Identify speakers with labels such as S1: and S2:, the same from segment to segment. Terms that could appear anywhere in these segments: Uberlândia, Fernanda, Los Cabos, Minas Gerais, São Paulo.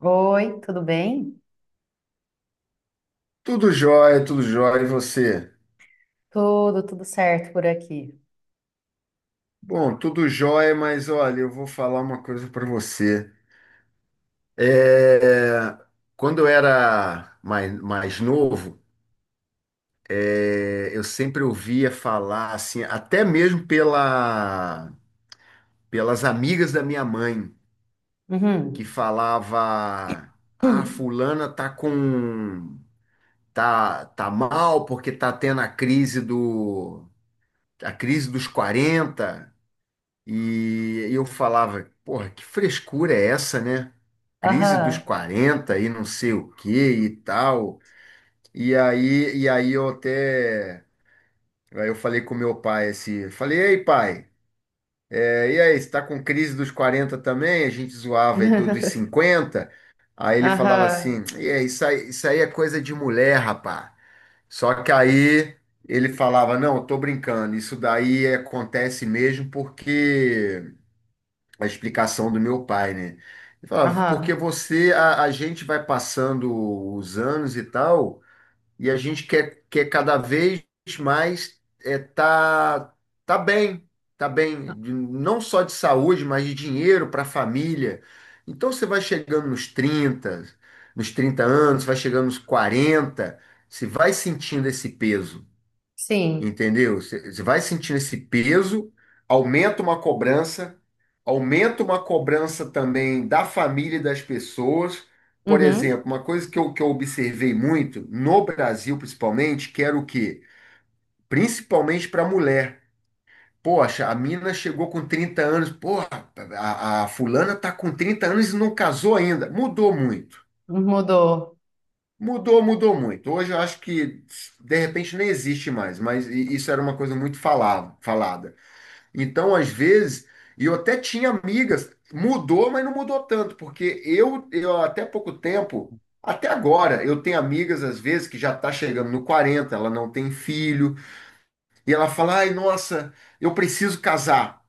S1: Oi, tudo bem?
S2: Tudo jóia, e você?
S1: Tudo, tudo certo por aqui.
S2: Bom, tudo jóia, mas olha, eu vou falar uma coisa para você. É, Quando eu era mais novo, eu sempre ouvia falar, assim, até mesmo pelas amigas da minha mãe, que
S1: Uhum.
S2: falava, ah,
S1: Hum.
S2: fulana tá mal porque tá tendo a crise dos 40. E eu falava, porra, que frescura é essa, né? Crise dos
S1: Aham.
S2: 40 e não sei o que e tal. E aí eu até. Aí eu falei com meu pai assim, falei, ei pai, e aí, você tá com crise dos 40 também? A gente zoava ele dos 50. Aí ele falava
S1: Aham.
S2: assim, e aí, isso aí é coisa de mulher, rapá. Só que aí ele falava, não, eu tô brincando, isso daí acontece mesmo porque a explicação do meu pai, né? Ele falava,
S1: Aham.
S2: porque você, a gente vai passando os anos e tal, e a gente quer cada vez mais, é, tá, tá bem, tá bem, não só de saúde, mas de dinheiro para a família. Então você vai chegando nos 30, nos 30 anos, vai chegando nos 40, você vai sentindo esse peso.
S1: Sim.
S2: Entendeu? Você vai sentindo esse peso, aumenta uma cobrança, aumenta uma cobrança também da família e das pessoas. Por
S1: Uhum.
S2: exemplo, uma coisa que eu observei muito, no Brasil principalmente, que era o quê? Principalmente para mulher. Poxa, a mina chegou com 30 anos, porra, a fulana tá com 30 anos e não casou ainda. Mudou muito.
S1: Mudou.
S2: Mudou, mudou muito. Hoje eu acho que de repente nem existe mais, mas isso era uma coisa muito falada. Então, às vezes, e eu até tinha amigas, mudou, mas não mudou tanto, porque eu até pouco tempo, até agora, eu tenho amigas, às vezes, que já está chegando no 40, ela não tem filho, e ela fala, ai, nossa, eu preciso casar.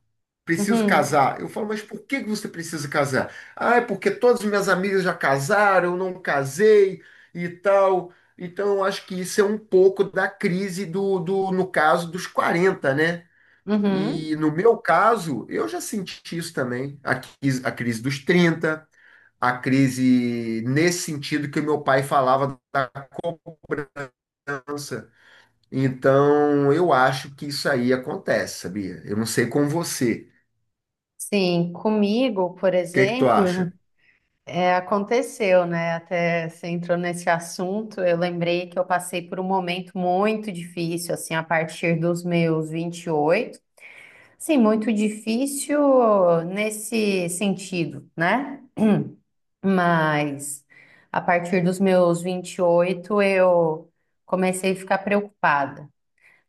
S2: Preciso
S1: Uhum.
S2: casar. Eu falo, mas por que que você precisa casar? Ah, é porque todas as minhas amigas já casaram, eu não casei e tal. Então, eu acho que isso é um pouco da crise no caso, dos 40, né?
S1: Uhum.
S2: E no meu caso, eu já senti isso também, a crise dos 30, a crise nesse sentido que o meu pai falava da cobrança. Então, eu acho que isso aí acontece, sabia? Eu não sei com você.
S1: Sim, comigo, por
S2: O que que tu
S1: exemplo,
S2: acha?
S1: aconteceu, né? Até você entrou nesse assunto, eu lembrei que eu passei por um momento muito difícil, assim, a partir dos meus 28. Sim, muito difícil nesse sentido, né? Mas a partir dos meus 28 eu comecei a ficar preocupada.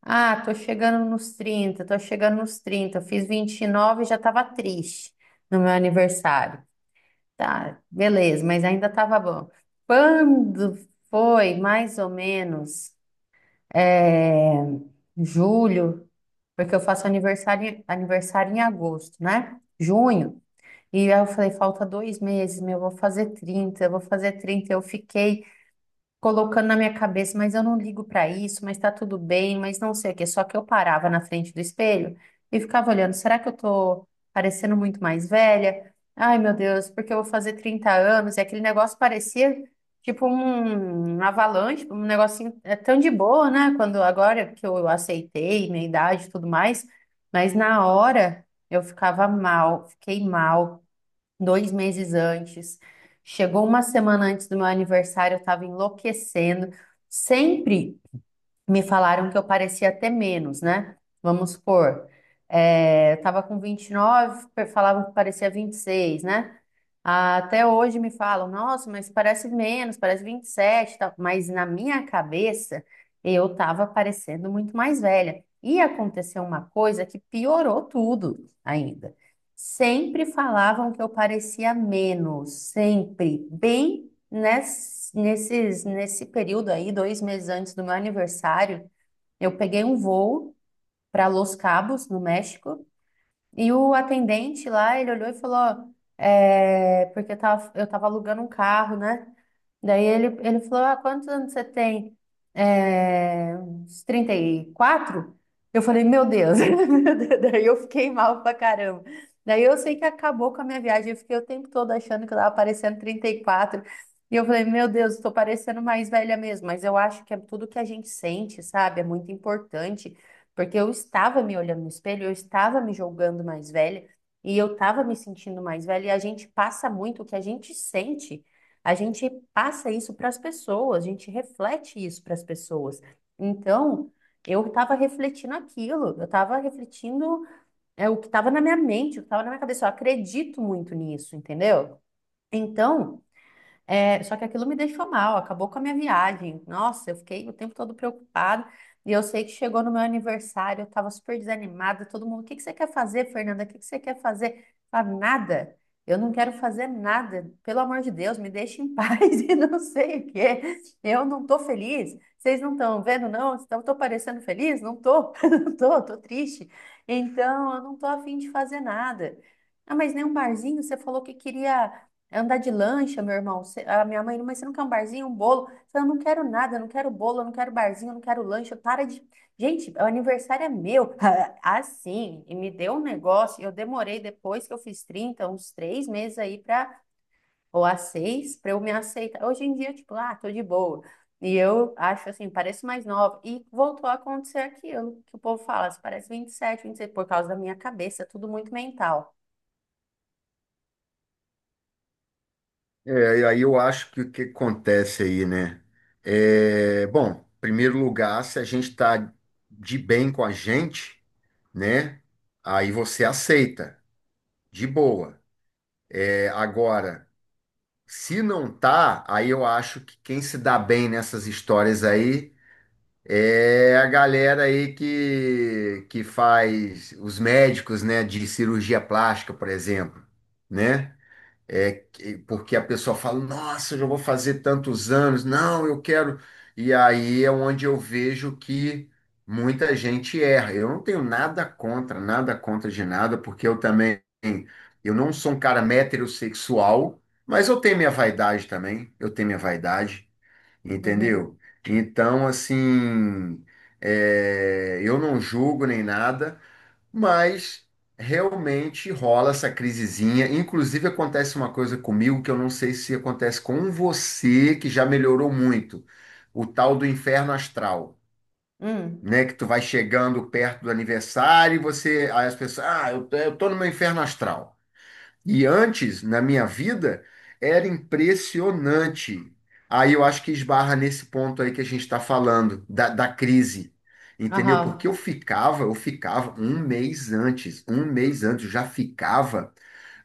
S1: Ah, tô chegando nos 30, tô chegando nos 30. Eu fiz 29 e já tava triste no meu aniversário. Tá, beleza, mas ainda tava bom. Quando foi mais ou menos é, julho porque eu faço aniversário em agosto, né? Junho. E aí eu falei, falta 2 meses, meu, eu vou fazer 30, eu vou fazer trinta, eu fiquei colocando na minha cabeça, mas eu não ligo para isso, mas tá tudo bem, mas não sei o quê. Só que eu parava na frente do espelho e ficava olhando, será que eu tô parecendo muito mais velha? Ai, meu Deus, porque eu vou fazer 30 anos e aquele negócio parecia tipo um avalanche, um negocinho é tão de boa, né? Quando agora que eu aceitei minha idade e tudo mais, mas na hora eu ficava mal, fiquei mal 2 meses antes. Chegou uma semana antes do meu aniversário, eu estava enlouquecendo. Sempre me falaram que eu parecia até menos, né? Vamos supor, eu tava com 29, falavam que parecia 26, né? Ah, até hoje me falam, nossa, mas parece menos, parece 27, e tal. Mas na minha cabeça eu tava parecendo muito mais velha. E aconteceu uma coisa que piorou tudo ainda. Sempre falavam que eu parecia menos, sempre, bem. Nesse período aí, dois meses antes do meu aniversário, eu peguei um voo para Los Cabos, no México, e o atendente lá, ele olhou e falou, ó, porque eu tava alugando um carro, né? Daí ele falou, ah, quantos anos você tem? Uns 34? Eu falei, meu Deus. Daí eu fiquei mal pra caramba. Daí eu sei que acabou com a minha viagem. Eu fiquei o tempo todo achando que eu tava parecendo 34. E quatro. E eu falei, meu Deus, tô parecendo mais velha mesmo. Mas eu acho que é tudo que a gente sente, sabe? É muito importante. Porque eu estava me olhando no espelho, eu estava me julgando mais velha e eu estava me sentindo mais velha. E a gente passa muito o que a gente sente, a gente passa isso para as pessoas, a gente reflete isso para as pessoas. Então, eu estava refletindo aquilo, eu estava refletindo o que estava na minha mente, o que estava na minha cabeça. Eu acredito muito nisso, entendeu? Então. Só que aquilo me deixou mal, acabou com a minha viagem. Nossa, eu fiquei o tempo todo preocupada. E eu sei que chegou no meu aniversário, eu estava super desanimada. Todo mundo, o que que você quer fazer, Fernanda? O que que você quer fazer? Eu falava, nada. Eu não quero fazer nada. Pelo amor de Deus, me deixe em paz e não sei o quê. Eu não tô feliz. Vocês não estão vendo, não? Eu tô parecendo feliz? Não tô, não tô, tô triste. Então, eu não tô afim de fazer nada. Ah, mas nem um barzinho, você falou que queria. É andar de lancha, meu irmão. A minha mãe, mas você não quer um barzinho, um bolo? Eu falei, eu não quero nada, eu não quero bolo, eu não quero barzinho, eu não quero lancha. Para de. Gente, o aniversário é meu. Assim, e me deu um negócio. Eu demorei depois que eu fiz 30 uns 3 meses aí para, ou a seis, para eu me aceitar. Hoje em dia, tipo, ah, tô de boa. E eu acho assim, pareço mais nova. E voltou a acontecer aquilo que o povo fala, você parece 27, vinte e 26, por causa da minha cabeça, tudo muito mental.
S2: E aí eu acho que o que acontece aí, né? Bom, em primeiro lugar, se a gente está de bem com a gente, né? Aí você aceita, de boa. É, agora. Se não tá, aí eu acho que quem se dá bem nessas histórias aí é a galera aí que faz os médicos, né, de cirurgia plástica, por exemplo, né? Porque a pessoa fala, nossa, eu já vou fazer tantos anos, não, eu quero. E aí é onde eu vejo que muita gente erra. Eu não tenho nada contra, nada contra de nada, porque eu também, eu não sou um cara heterossexual, mas eu tenho minha vaidade também, eu tenho minha vaidade,
S1: Uhum.
S2: entendeu? Então, assim, eu não julgo nem nada. Mas realmente rola essa crisezinha. Inclusive, acontece uma coisa comigo que eu não sei se acontece com você, que já melhorou muito. O tal do inferno astral,
S1: Hum.
S2: né? Que tu vai chegando perto do aniversário e você. Aí as pessoas, ah, eu tô no meu inferno astral. E antes, na minha vida, era impressionante. Aí eu acho que esbarra nesse ponto aí que a gente está falando, da crise. Entendeu? Porque
S1: Aham.
S2: eu ficava um mês antes, eu já ficava.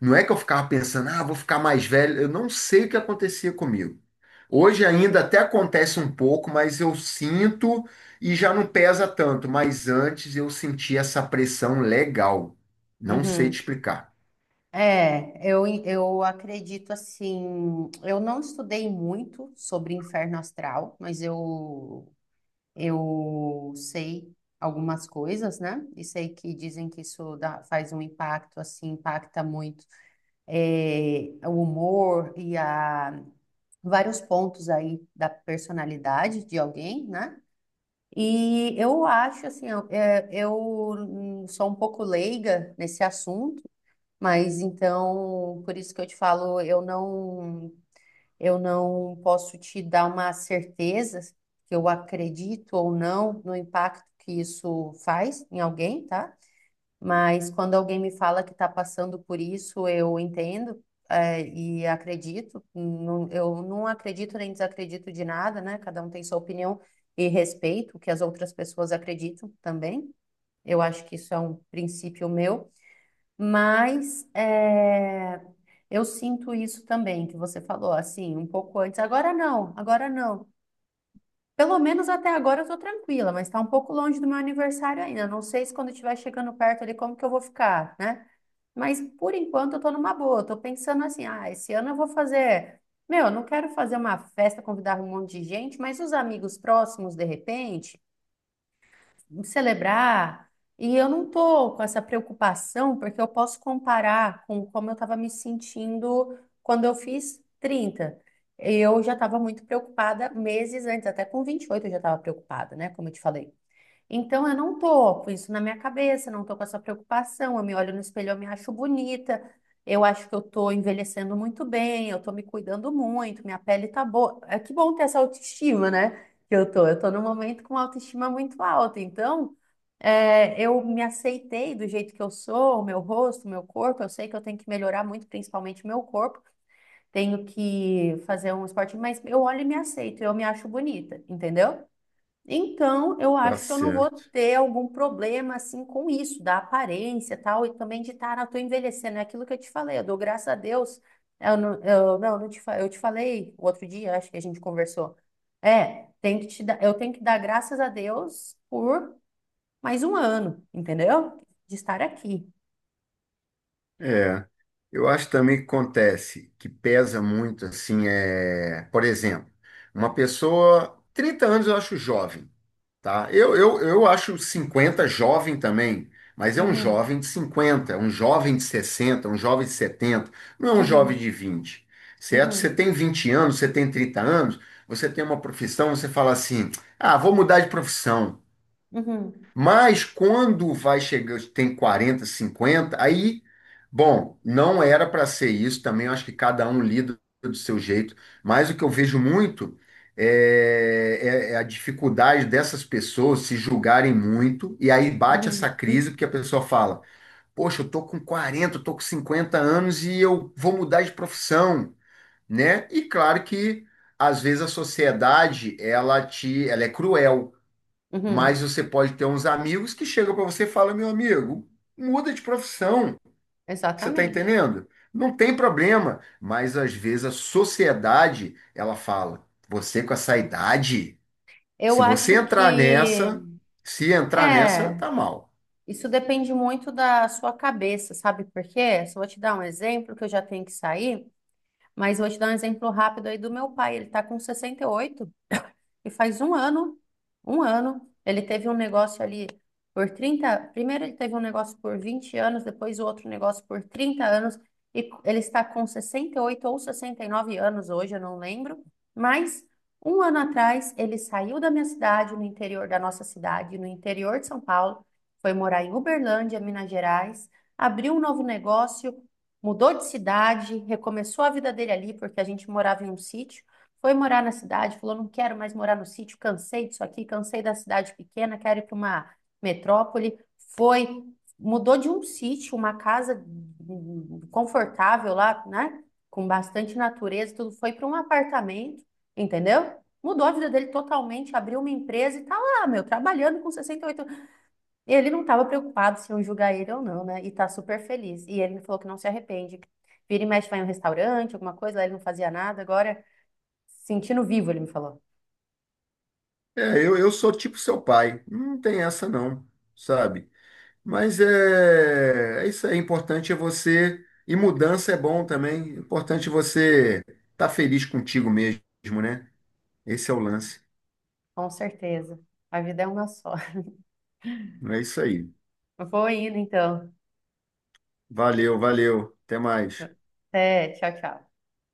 S2: Não é que eu ficava pensando, ah, vou ficar mais velho. Eu não sei o que acontecia comigo. Hoje ainda até acontece um pouco, mas eu sinto e já não pesa tanto. Mas antes eu sentia essa pressão legal. Não sei te
S1: Uhum.
S2: explicar.
S1: Eu acredito assim. Eu não estudei muito sobre inferno astral, mas eu sei algumas coisas, né? E sei que dizem que isso faz um impacto, assim, impacta muito o humor vários pontos aí da personalidade de alguém, né? E eu acho assim, eu sou um pouco leiga nesse assunto. Mas então, por isso que eu te falo, eu não posso te dar uma certeza que eu acredito ou não no impacto que isso faz em alguém, tá? Mas quando alguém me fala que está passando por isso, eu entendo, e acredito. Eu não acredito nem desacredito de nada, né? Cada um tem sua opinião e respeito o que as outras pessoas acreditam também. Eu acho que isso é um princípio meu. Mas eu sinto isso também, que você falou, assim, um pouco antes. Agora não, agora não. Pelo menos até agora eu tô tranquila, mas tá um pouco longe do meu aniversário ainda. Não sei se quando estiver chegando perto ali como que eu vou ficar, né? Mas por enquanto eu tô numa boa. Eu tô pensando assim, ah, esse ano eu vou fazer. Meu, eu não quero fazer uma festa, convidar um monte de gente, mas os amigos próximos, de repente em celebrar. E eu não tô com essa preocupação, porque eu posso comparar com como eu estava me sentindo quando eu fiz trinta. Eu já estava muito preocupada meses antes, até com 28 eu já estava preocupada, né? Como eu te falei. Então, eu não tô com isso na minha cabeça, não tô com essa preocupação. Eu me olho no espelho, eu me acho bonita, eu acho que eu tô envelhecendo muito bem, eu tô me cuidando muito, minha pele tá boa. É que bom ter essa autoestima, né? Que eu tô. Eu tô num momento com uma autoestima muito alta. Então, eu me aceitei do jeito que eu sou, o meu rosto, o meu corpo. Eu sei que eu tenho que melhorar muito, principalmente o meu corpo. Tenho que fazer um esporte, mas eu olho e me aceito, eu me acho bonita, entendeu? Então, eu
S2: Tá
S1: acho que eu não vou
S2: certo.
S1: ter algum problema assim com isso, da aparência e tal, e também de estar, eu tô envelhecendo, é aquilo que eu te falei, eu dou graças a Deus, é, eu, não, não te, fa- eu te falei o outro dia, acho que a gente conversou, é, tem que te dar, eu tenho que dar graças a Deus por mais um ano, entendeu? De estar aqui.
S2: É, eu acho também que acontece, que pesa muito, assim, por exemplo, uma pessoa, 30 anos eu acho jovem, tá? Eu acho 50 jovem também, mas é um
S1: Uhum,
S2: jovem de 50, um jovem de 60, um jovem de 70, não é um
S1: uhum,
S2: jovem de 20, certo? Você
S1: uhum,
S2: tem 20 anos, você tem 30 anos, você tem uma profissão, você fala assim, ah, vou mudar de profissão.
S1: uhum,
S2: Mas quando vai chegando, tem 40, 50, aí, bom, não era para ser isso também, eu acho que cada um lida do seu jeito, mas o que eu vejo muito é a dificuldade dessas pessoas se julgarem muito, e aí bate
S1: uhum,
S2: essa crise,
S1: uhum,
S2: porque a pessoa fala: poxa, eu tô com 40, eu tô com 50 anos e eu vou mudar de profissão, né? E claro que às vezes a sociedade ela é cruel.
S1: uhum.
S2: Mas você pode ter uns amigos que chegam para você e falam, meu amigo, muda de profissão. Você está
S1: Exatamente.
S2: entendendo? Não tem problema. Mas às vezes a sociedade, ela fala, você com essa idade,
S1: Eu
S2: se você
S1: acho
S2: entrar
S1: que
S2: nessa, se entrar nessa,
S1: é.
S2: tá mal.
S1: Isso depende muito da sua cabeça, sabe por quê? Só vou te dar um exemplo, que eu já tenho que sair, mas vou te dar um exemplo rápido aí do meu pai. Ele tá com 68. E faz um ano, ele teve um negócio ali por 30. Primeiro ele teve um negócio por 20 anos, depois o outro negócio por 30 anos, e ele está com 68 ou 69 anos hoje, eu não lembro, mas um ano atrás ele saiu da minha cidade, no interior da nossa cidade, no interior de São Paulo, foi morar em Uberlândia, Minas Gerais, abriu um novo negócio, mudou de cidade, recomeçou a vida dele ali, porque a gente morava em um sítio, foi morar na cidade, falou: não quero mais morar no sítio, cansei disso aqui, cansei da cidade pequena, quero ir para uma metrópole. Foi, mudou de um sítio, uma casa confortável lá, né? Com bastante natureza, tudo. Foi para um apartamento, entendeu? Mudou a vida dele totalmente, abriu uma empresa e tá lá, meu, trabalhando com 68 anos. Ele não estava preocupado se iam julgar ele ou não, né? E tá super feliz. E ele me falou que não se arrepende. Vira e mexe, vai em um restaurante, alguma coisa, lá ele não fazia nada, agora. Sentindo vivo, ele me falou.
S2: Eu sou tipo seu pai. Não tem essa não, sabe? Mas é isso aí. É importante é você. E mudança é bom também. É importante você estar tá feliz contigo mesmo, né? Esse é o lance.
S1: Com certeza. A vida é uma só.
S2: É isso aí.
S1: Vou indo, então.
S2: Valeu, valeu. Até mais.
S1: Até, tchau, tchau.